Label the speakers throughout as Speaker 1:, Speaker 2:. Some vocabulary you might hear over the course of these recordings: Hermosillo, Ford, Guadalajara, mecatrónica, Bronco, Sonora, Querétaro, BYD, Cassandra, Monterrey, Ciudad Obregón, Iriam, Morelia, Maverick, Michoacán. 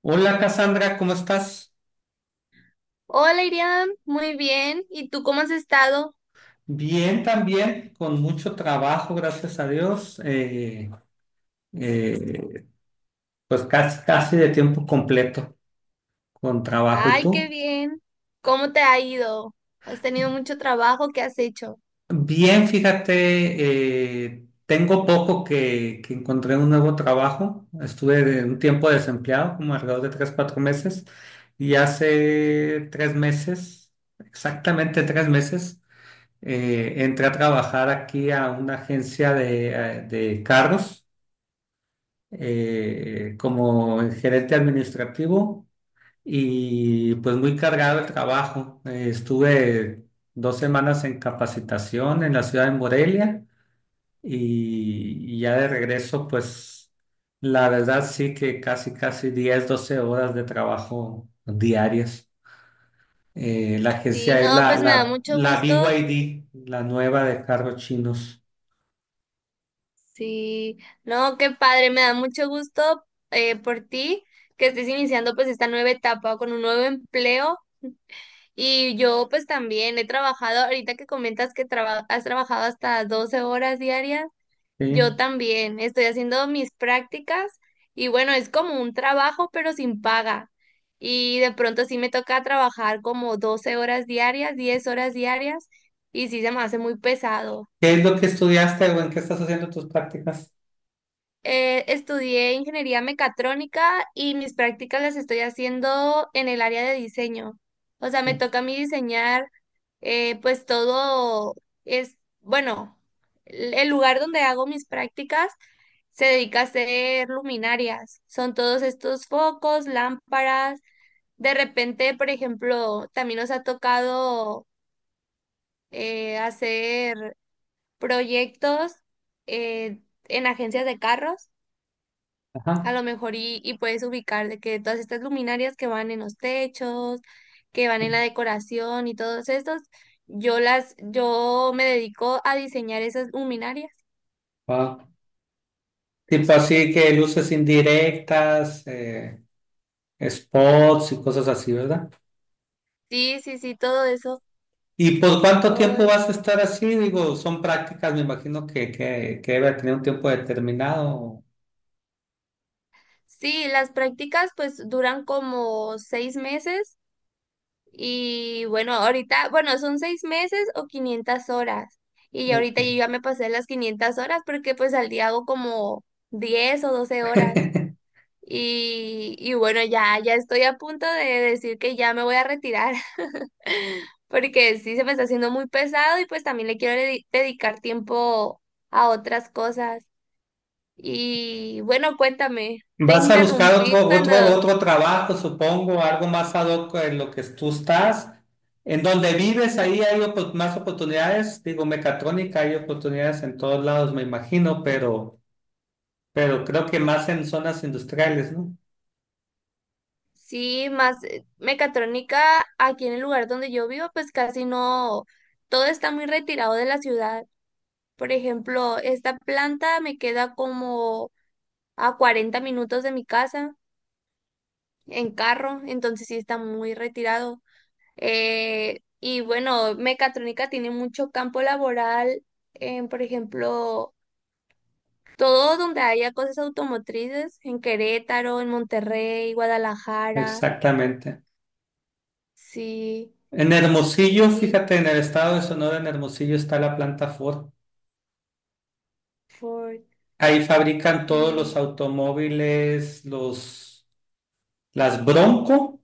Speaker 1: Hola, Cassandra, ¿cómo estás?
Speaker 2: Hola Iriam, muy bien. ¿Y tú cómo has estado?
Speaker 1: Bien también, con mucho trabajo, gracias a Dios. Eh, pues casi, casi de tiempo completo con trabajo. ¿Y
Speaker 2: Ay, qué
Speaker 1: tú?
Speaker 2: bien. ¿Cómo te ha ido? ¿Has tenido mucho trabajo? ¿Qué has hecho?
Speaker 1: Bien, fíjate, tengo poco que encontré un nuevo trabajo. Un tiempo desempleado, como alrededor de 3, 4 meses. Y hace 3 meses, exactamente 3 meses, entré a trabajar aquí a una agencia de carros. Como gerente administrativo y pues muy cargado el trabajo. Estuve 2 semanas en capacitación en la ciudad de Morelia y ya de regreso pues la verdad sí que casi casi 10 12 horas de trabajo diarias. La
Speaker 2: Sí,
Speaker 1: agencia es
Speaker 2: no,
Speaker 1: la,
Speaker 2: pues me da
Speaker 1: la,
Speaker 2: mucho
Speaker 1: la B Y
Speaker 2: gusto.
Speaker 1: D la nueva de cargos chinos.
Speaker 2: Sí, no, qué padre, me da mucho gusto por ti que estés iniciando pues esta nueva etapa con un nuevo empleo. Y yo pues también he trabajado, ahorita que comentas que has trabajado hasta 12 horas diarias. Yo
Speaker 1: ¿Sí?
Speaker 2: también estoy haciendo mis prácticas y bueno, es como un trabajo pero sin paga. Y de pronto sí me toca trabajar como 12 horas diarias, 10 horas diarias y sí se me hace muy pesado.
Speaker 1: ¿Qué es lo que estudiaste o en qué estás haciendo tus prácticas?
Speaker 2: Estudié ingeniería mecatrónica y mis prácticas las estoy haciendo en el área de diseño. O sea, me toca a mí diseñar, pues todo es, bueno, el lugar donde hago mis prácticas se dedica a hacer luminarias. Son todos estos focos, lámparas. De repente, por ejemplo, también nos ha tocado hacer proyectos en agencias de carros. A
Speaker 1: Ajá.
Speaker 2: lo mejor, y puedes ubicar de que todas estas luminarias que van en los techos, que van en la decoración y todos estos, yo me dedico a diseñar esas luminarias.
Speaker 1: Wao. Tipo así que luces indirectas, spots y cosas así, ¿verdad?
Speaker 2: Sí, sí, sí, todo eso,
Speaker 1: ¿Y por cuánto
Speaker 2: todo
Speaker 1: tiempo
Speaker 2: eso.
Speaker 1: vas a estar así? Digo, son prácticas, me imagino que debe tener un tiempo determinado.
Speaker 2: Sí, las prácticas pues duran como 6 meses y bueno, ahorita, bueno, son 6 meses o 500 horas. Y ya
Speaker 1: Ok.
Speaker 2: ahorita yo ya me pasé las 500 horas porque pues al día hago como 10 o 12 horas. Y bueno, ya, ya estoy a punto de decir que ya me voy a retirar, porque sí se me está haciendo muy pesado y pues también le quiero dedicar tiempo a otras cosas. Y bueno, cuéntame, te
Speaker 1: Vas a buscar
Speaker 2: interrumpí
Speaker 1: otro,
Speaker 2: cuando.
Speaker 1: otro, otro trabajo, supongo, algo más ad hoc en lo que tú estás. En donde vives, ahí más oportunidades. Digo, mecatrónica, hay oportunidades en todos lados, me imagino, pero creo que más en zonas industriales, ¿no?
Speaker 2: Sí, más, mecatrónica aquí en el lugar donde yo vivo, pues casi no, todo está muy retirado de la ciudad. Por ejemplo, esta planta me queda como a 40 minutos de mi casa en carro, entonces sí está muy retirado. Y bueno, mecatrónica tiene mucho campo laboral, en, por ejemplo, todo donde haya cosas automotrices, en Querétaro, en Monterrey, Guadalajara,
Speaker 1: Exactamente.
Speaker 2: sí,
Speaker 1: En Hermosillo,
Speaker 2: sí,
Speaker 1: fíjate, en el estado de Sonora, en Hermosillo está la planta Ford.
Speaker 2: Ford,
Speaker 1: Ahí fabrican todos los
Speaker 2: sí.
Speaker 1: automóviles, los, las Bronco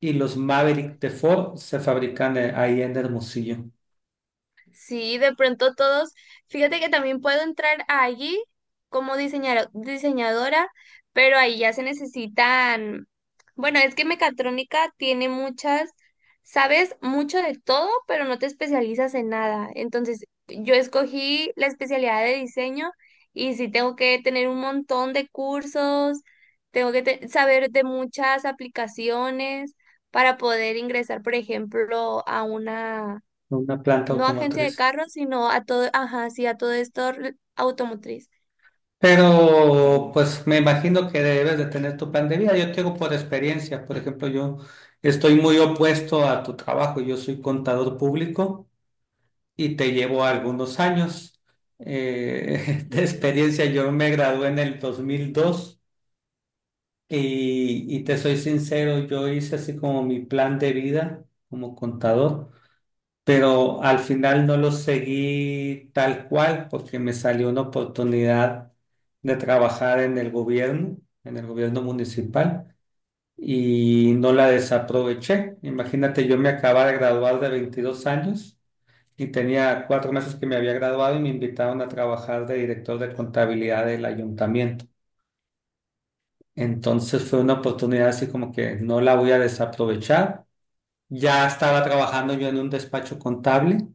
Speaker 1: y los Maverick de Ford se fabrican ahí en Hermosillo,
Speaker 2: Sí, de pronto todos, fíjate que también puedo entrar allí como diseñadora, pero ahí ya se necesitan, bueno, es que mecatrónica tiene muchas, sabes mucho de todo, pero no te especializas en nada. Entonces, yo escogí la especialidad de diseño y sí tengo que tener un montón de cursos, tengo que saber de muchas aplicaciones para poder ingresar, por ejemplo, a una,
Speaker 1: una planta
Speaker 2: no, agencia de
Speaker 1: automotriz.
Speaker 2: carros, sino a todo, ajá, sí, a todo esto automotriz.
Speaker 1: Pero
Speaker 2: Sí,
Speaker 1: pues me imagino que debes de tener tu plan de vida. Yo te digo por experiencia, por ejemplo, yo estoy muy opuesto a tu trabajo. Yo soy contador público y te llevó algunos años de
Speaker 2: sí.
Speaker 1: experiencia. Yo me gradué en el 2002 y te soy sincero, yo hice así como mi plan de vida como contador, pero al final no lo seguí tal cual porque me salió una oportunidad de trabajar en el gobierno municipal. Y no la desaproveché. Imagínate, yo me acababa de graduar de 22 años y tenía 4 meses que me había graduado y me invitaron a trabajar de director de contabilidad del ayuntamiento. Entonces fue una oportunidad así como que no la voy a desaprovechar. Ya estaba trabajando yo en un despacho contable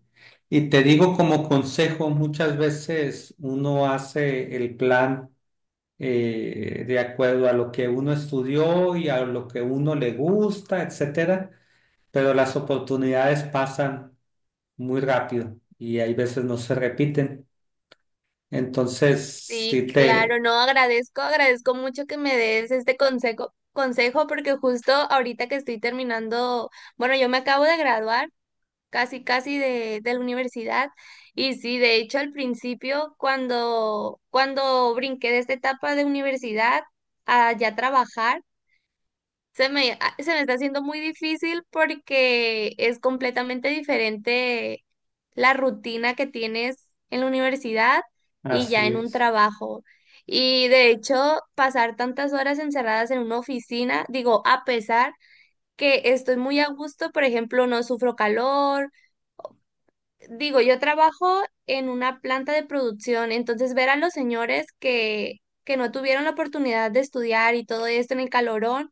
Speaker 1: y te digo como consejo, muchas veces uno hace el plan de acuerdo a lo que uno estudió y a lo que uno le gusta, etcétera, pero las oportunidades pasan muy rápido y hay veces no se repiten. Entonces, sí
Speaker 2: Sí,
Speaker 1: te...
Speaker 2: claro, no, agradezco, agradezco mucho que me des este consejo, consejo, porque justo ahorita que estoy terminando, bueno, yo me acabo de graduar casi, casi de, la universidad, y sí, de hecho al principio, cuando brinqué de esta etapa de universidad a ya trabajar, se me, se me está haciendo muy difícil porque es completamente diferente la rutina que tienes en la universidad y
Speaker 1: Así
Speaker 2: ya en un
Speaker 1: es.
Speaker 2: trabajo. Y de hecho, pasar tantas horas encerradas en una oficina, digo, a pesar que estoy muy a gusto, por ejemplo, no sufro calor. Digo, yo trabajo en una planta de producción, entonces ver a los señores que, no tuvieron la oportunidad de estudiar y todo esto en el calorón,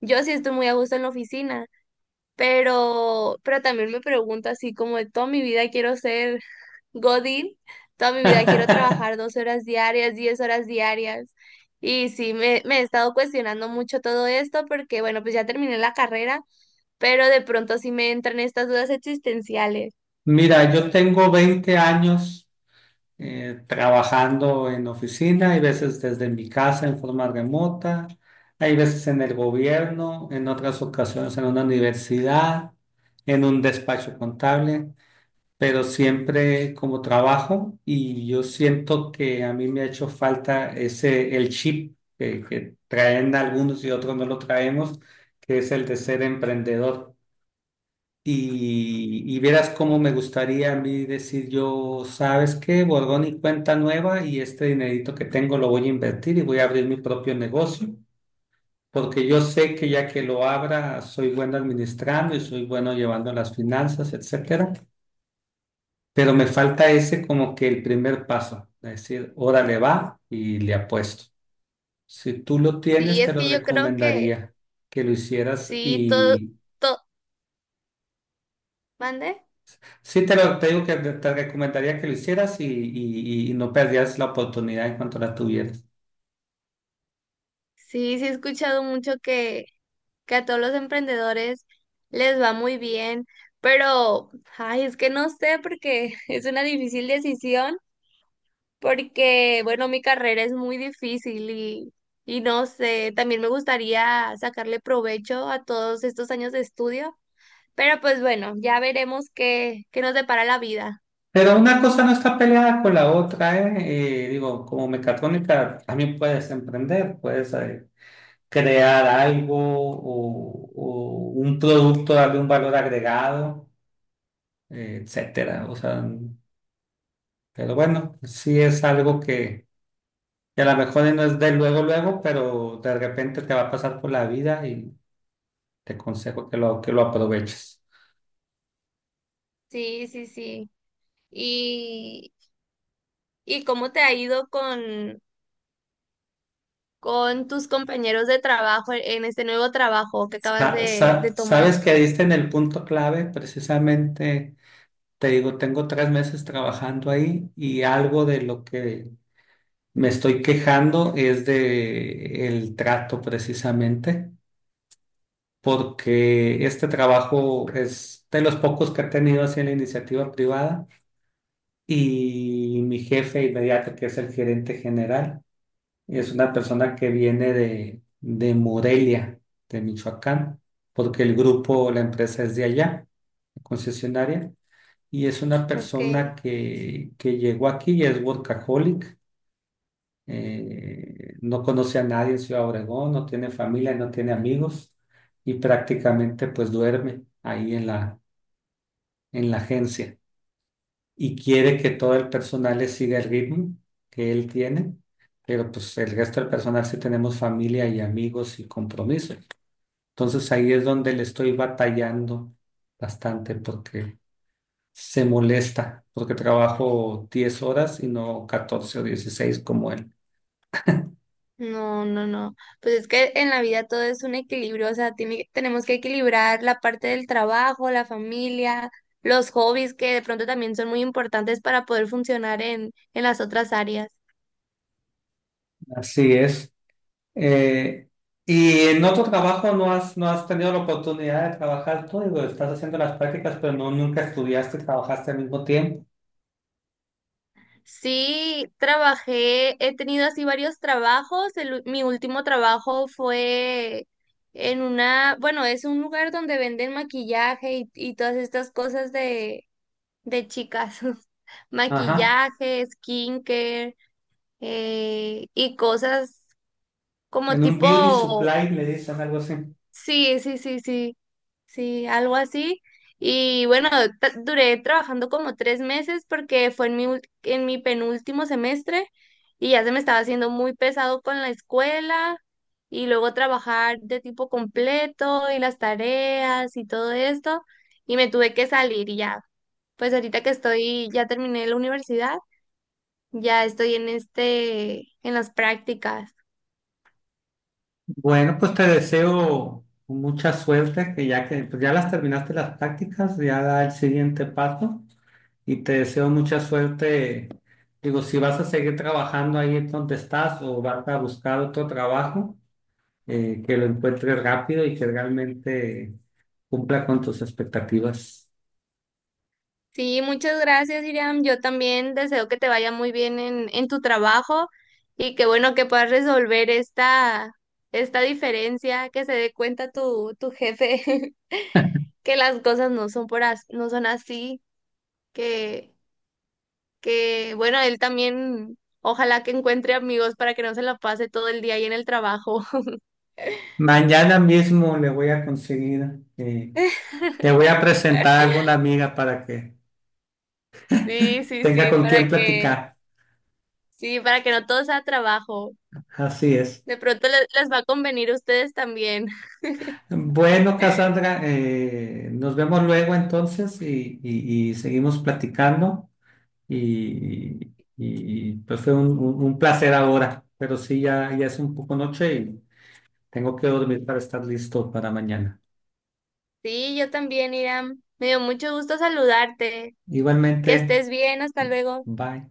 Speaker 2: yo sí estoy muy a gusto en la oficina. Pero también me pregunto así como de toda mi vida quiero ser Godín, toda mi vida quiero trabajar 12 horas diarias, 10 horas diarias. Y sí, me he estado cuestionando mucho todo esto porque, bueno, pues ya terminé la carrera, pero de pronto sí me entran estas dudas existenciales.
Speaker 1: Mira, yo tengo 20 años trabajando en oficina, hay veces desde mi casa en forma remota, hay veces en el gobierno, en otras ocasiones en una universidad, en un despacho contable. Pero siempre como trabajo y yo siento que a mí me ha hecho falta ese, el chip que traen algunos y otros no lo traemos, que es el de ser emprendedor. Y vieras cómo me gustaría a mí decir yo, ¿sabes qué? Borgón y cuenta nueva y este dinerito que tengo lo voy a invertir y voy a abrir mi propio negocio, porque yo sé que ya que lo abra soy bueno administrando y soy bueno llevando las finanzas, etcétera. Pero me falta ese como que el primer paso, es decir, órale va y le apuesto. Si tú lo
Speaker 2: Sí,
Speaker 1: tienes, te
Speaker 2: es
Speaker 1: lo
Speaker 2: que yo creo que
Speaker 1: recomendaría que lo hicieras
Speaker 2: sí, todo,
Speaker 1: y
Speaker 2: todo. ¿Mande?
Speaker 1: sí te lo te digo que te recomendaría que lo hicieras y no perdieras la oportunidad en cuanto la tuvieras.
Speaker 2: Sí, sí he escuchado mucho que a todos los emprendedores les va muy bien, pero, ay, es que no sé porque es una difícil decisión, porque, bueno, mi carrera es muy difícil y, no sé, también me gustaría sacarle provecho a todos estos años de estudio, pero pues bueno, ya veremos qué, nos depara la vida.
Speaker 1: Pero una cosa no está peleada con la otra, ¿eh? Digo, como mecatrónica también puedes emprender, puedes crear algo o un producto, darle un valor agregado etcétera. O sea, pero bueno, sí es algo que a lo mejor no es de luego, luego, pero de repente te va a pasar por la vida y te aconsejo que lo aproveches.
Speaker 2: Sí, sí, sí. ¿Y, y cómo te ha ido con, tus compañeros de trabajo en este nuevo trabajo que acabas de, de tomar?
Speaker 1: Sabes que diste en el punto clave, precisamente, te digo, tengo 3 meses trabajando ahí y algo de lo que me estoy quejando es de el trato precisamente porque este trabajo es de los pocos que he tenido así en la iniciativa privada. Y mi jefe inmediato, que es el gerente general, es una persona que viene de Morelia, de Michoacán, porque el grupo, la empresa es de allá, la concesionaria, y es una
Speaker 2: Ok,
Speaker 1: persona que llegó aquí y es workaholic, no conoce a nadie en Ciudad Obregón, no tiene familia, no tiene amigos, y prácticamente pues duerme ahí en la agencia. Y quiere que todo el personal le siga el ritmo que él tiene, pero pues el resto del personal sí tenemos familia y amigos y compromisos. Entonces ahí es donde le estoy batallando bastante porque se molesta, porque trabajo 10 horas y no 14 o 16 como él.
Speaker 2: no, no, no. Pues es que en la vida todo es un equilibrio, o sea, tenemos que equilibrar la parte del trabajo, la familia, los hobbies que de pronto también son muy importantes para poder funcionar en, las otras áreas.
Speaker 1: Así es. Eh, ¿Y en otro trabajo no has, no has tenido la oportunidad de trabajar tú? Digo, estás haciendo las prácticas, pero no, nunca estudiaste, y trabajaste al mismo tiempo.
Speaker 2: Sí, trabajé, he tenido así varios trabajos. Mi último trabajo fue en una, bueno, es un lugar donde venden maquillaje y, todas estas cosas de chicas.
Speaker 1: Ajá.
Speaker 2: Maquillaje, skincare, y cosas como
Speaker 1: En un beauty
Speaker 2: tipo,
Speaker 1: supply le dicen algo así.
Speaker 2: sí, sí, sí, sí, sí, algo así. Y bueno, duré trabajando como 3 meses porque fue en mi, en mi penúltimo semestre y ya se me estaba haciendo muy pesado con la escuela y luego trabajar de tipo completo y las tareas y todo esto y me tuve que salir y ya. Pues ahorita que estoy, ya terminé la universidad, ya estoy en este, en las prácticas.
Speaker 1: Bueno, pues te deseo mucha suerte, que ya que pues ya las terminaste las prácticas, ya da el siguiente paso y te deseo mucha suerte. Digo, si vas a seguir trabajando ahí donde estás o vas a buscar otro trabajo, que lo encuentres rápido y que realmente cumpla con tus expectativas.
Speaker 2: Sí, muchas gracias, Iriam. Yo también deseo que te vaya muy bien en, tu trabajo y que bueno que puedas resolver esta diferencia, que se dé cuenta tu jefe que las cosas no son por no son así, que, que bueno, él también ojalá que encuentre amigos para que no se la pase todo el día ahí en el trabajo.
Speaker 1: Mañana mismo le voy a conseguir, te voy a presentar a alguna amiga para que
Speaker 2: Sí, sí,
Speaker 1: tenga con quien platicar.
Speaker 2: sí, para que no todo sea trabajo.
Speaker 1: Así es.
Speaker 2: De pronto les, va a convenir a ustedes también.
Speaker 1: Bueno, Cassandra, nos vemos luego entonces y seguimos platicando. Y, y, pues fue un placer ahora, pero sí, ya, ya es un poco noche y tengo que dormir para estar listo para mañana.
Speaker 2: Sí, yo también, Iram. Me dio mucho gusto saludarte. Que
Speaker 1: Igualmente,
Speaker 2: estés bien, hasta luego.
Speaker 1: bye.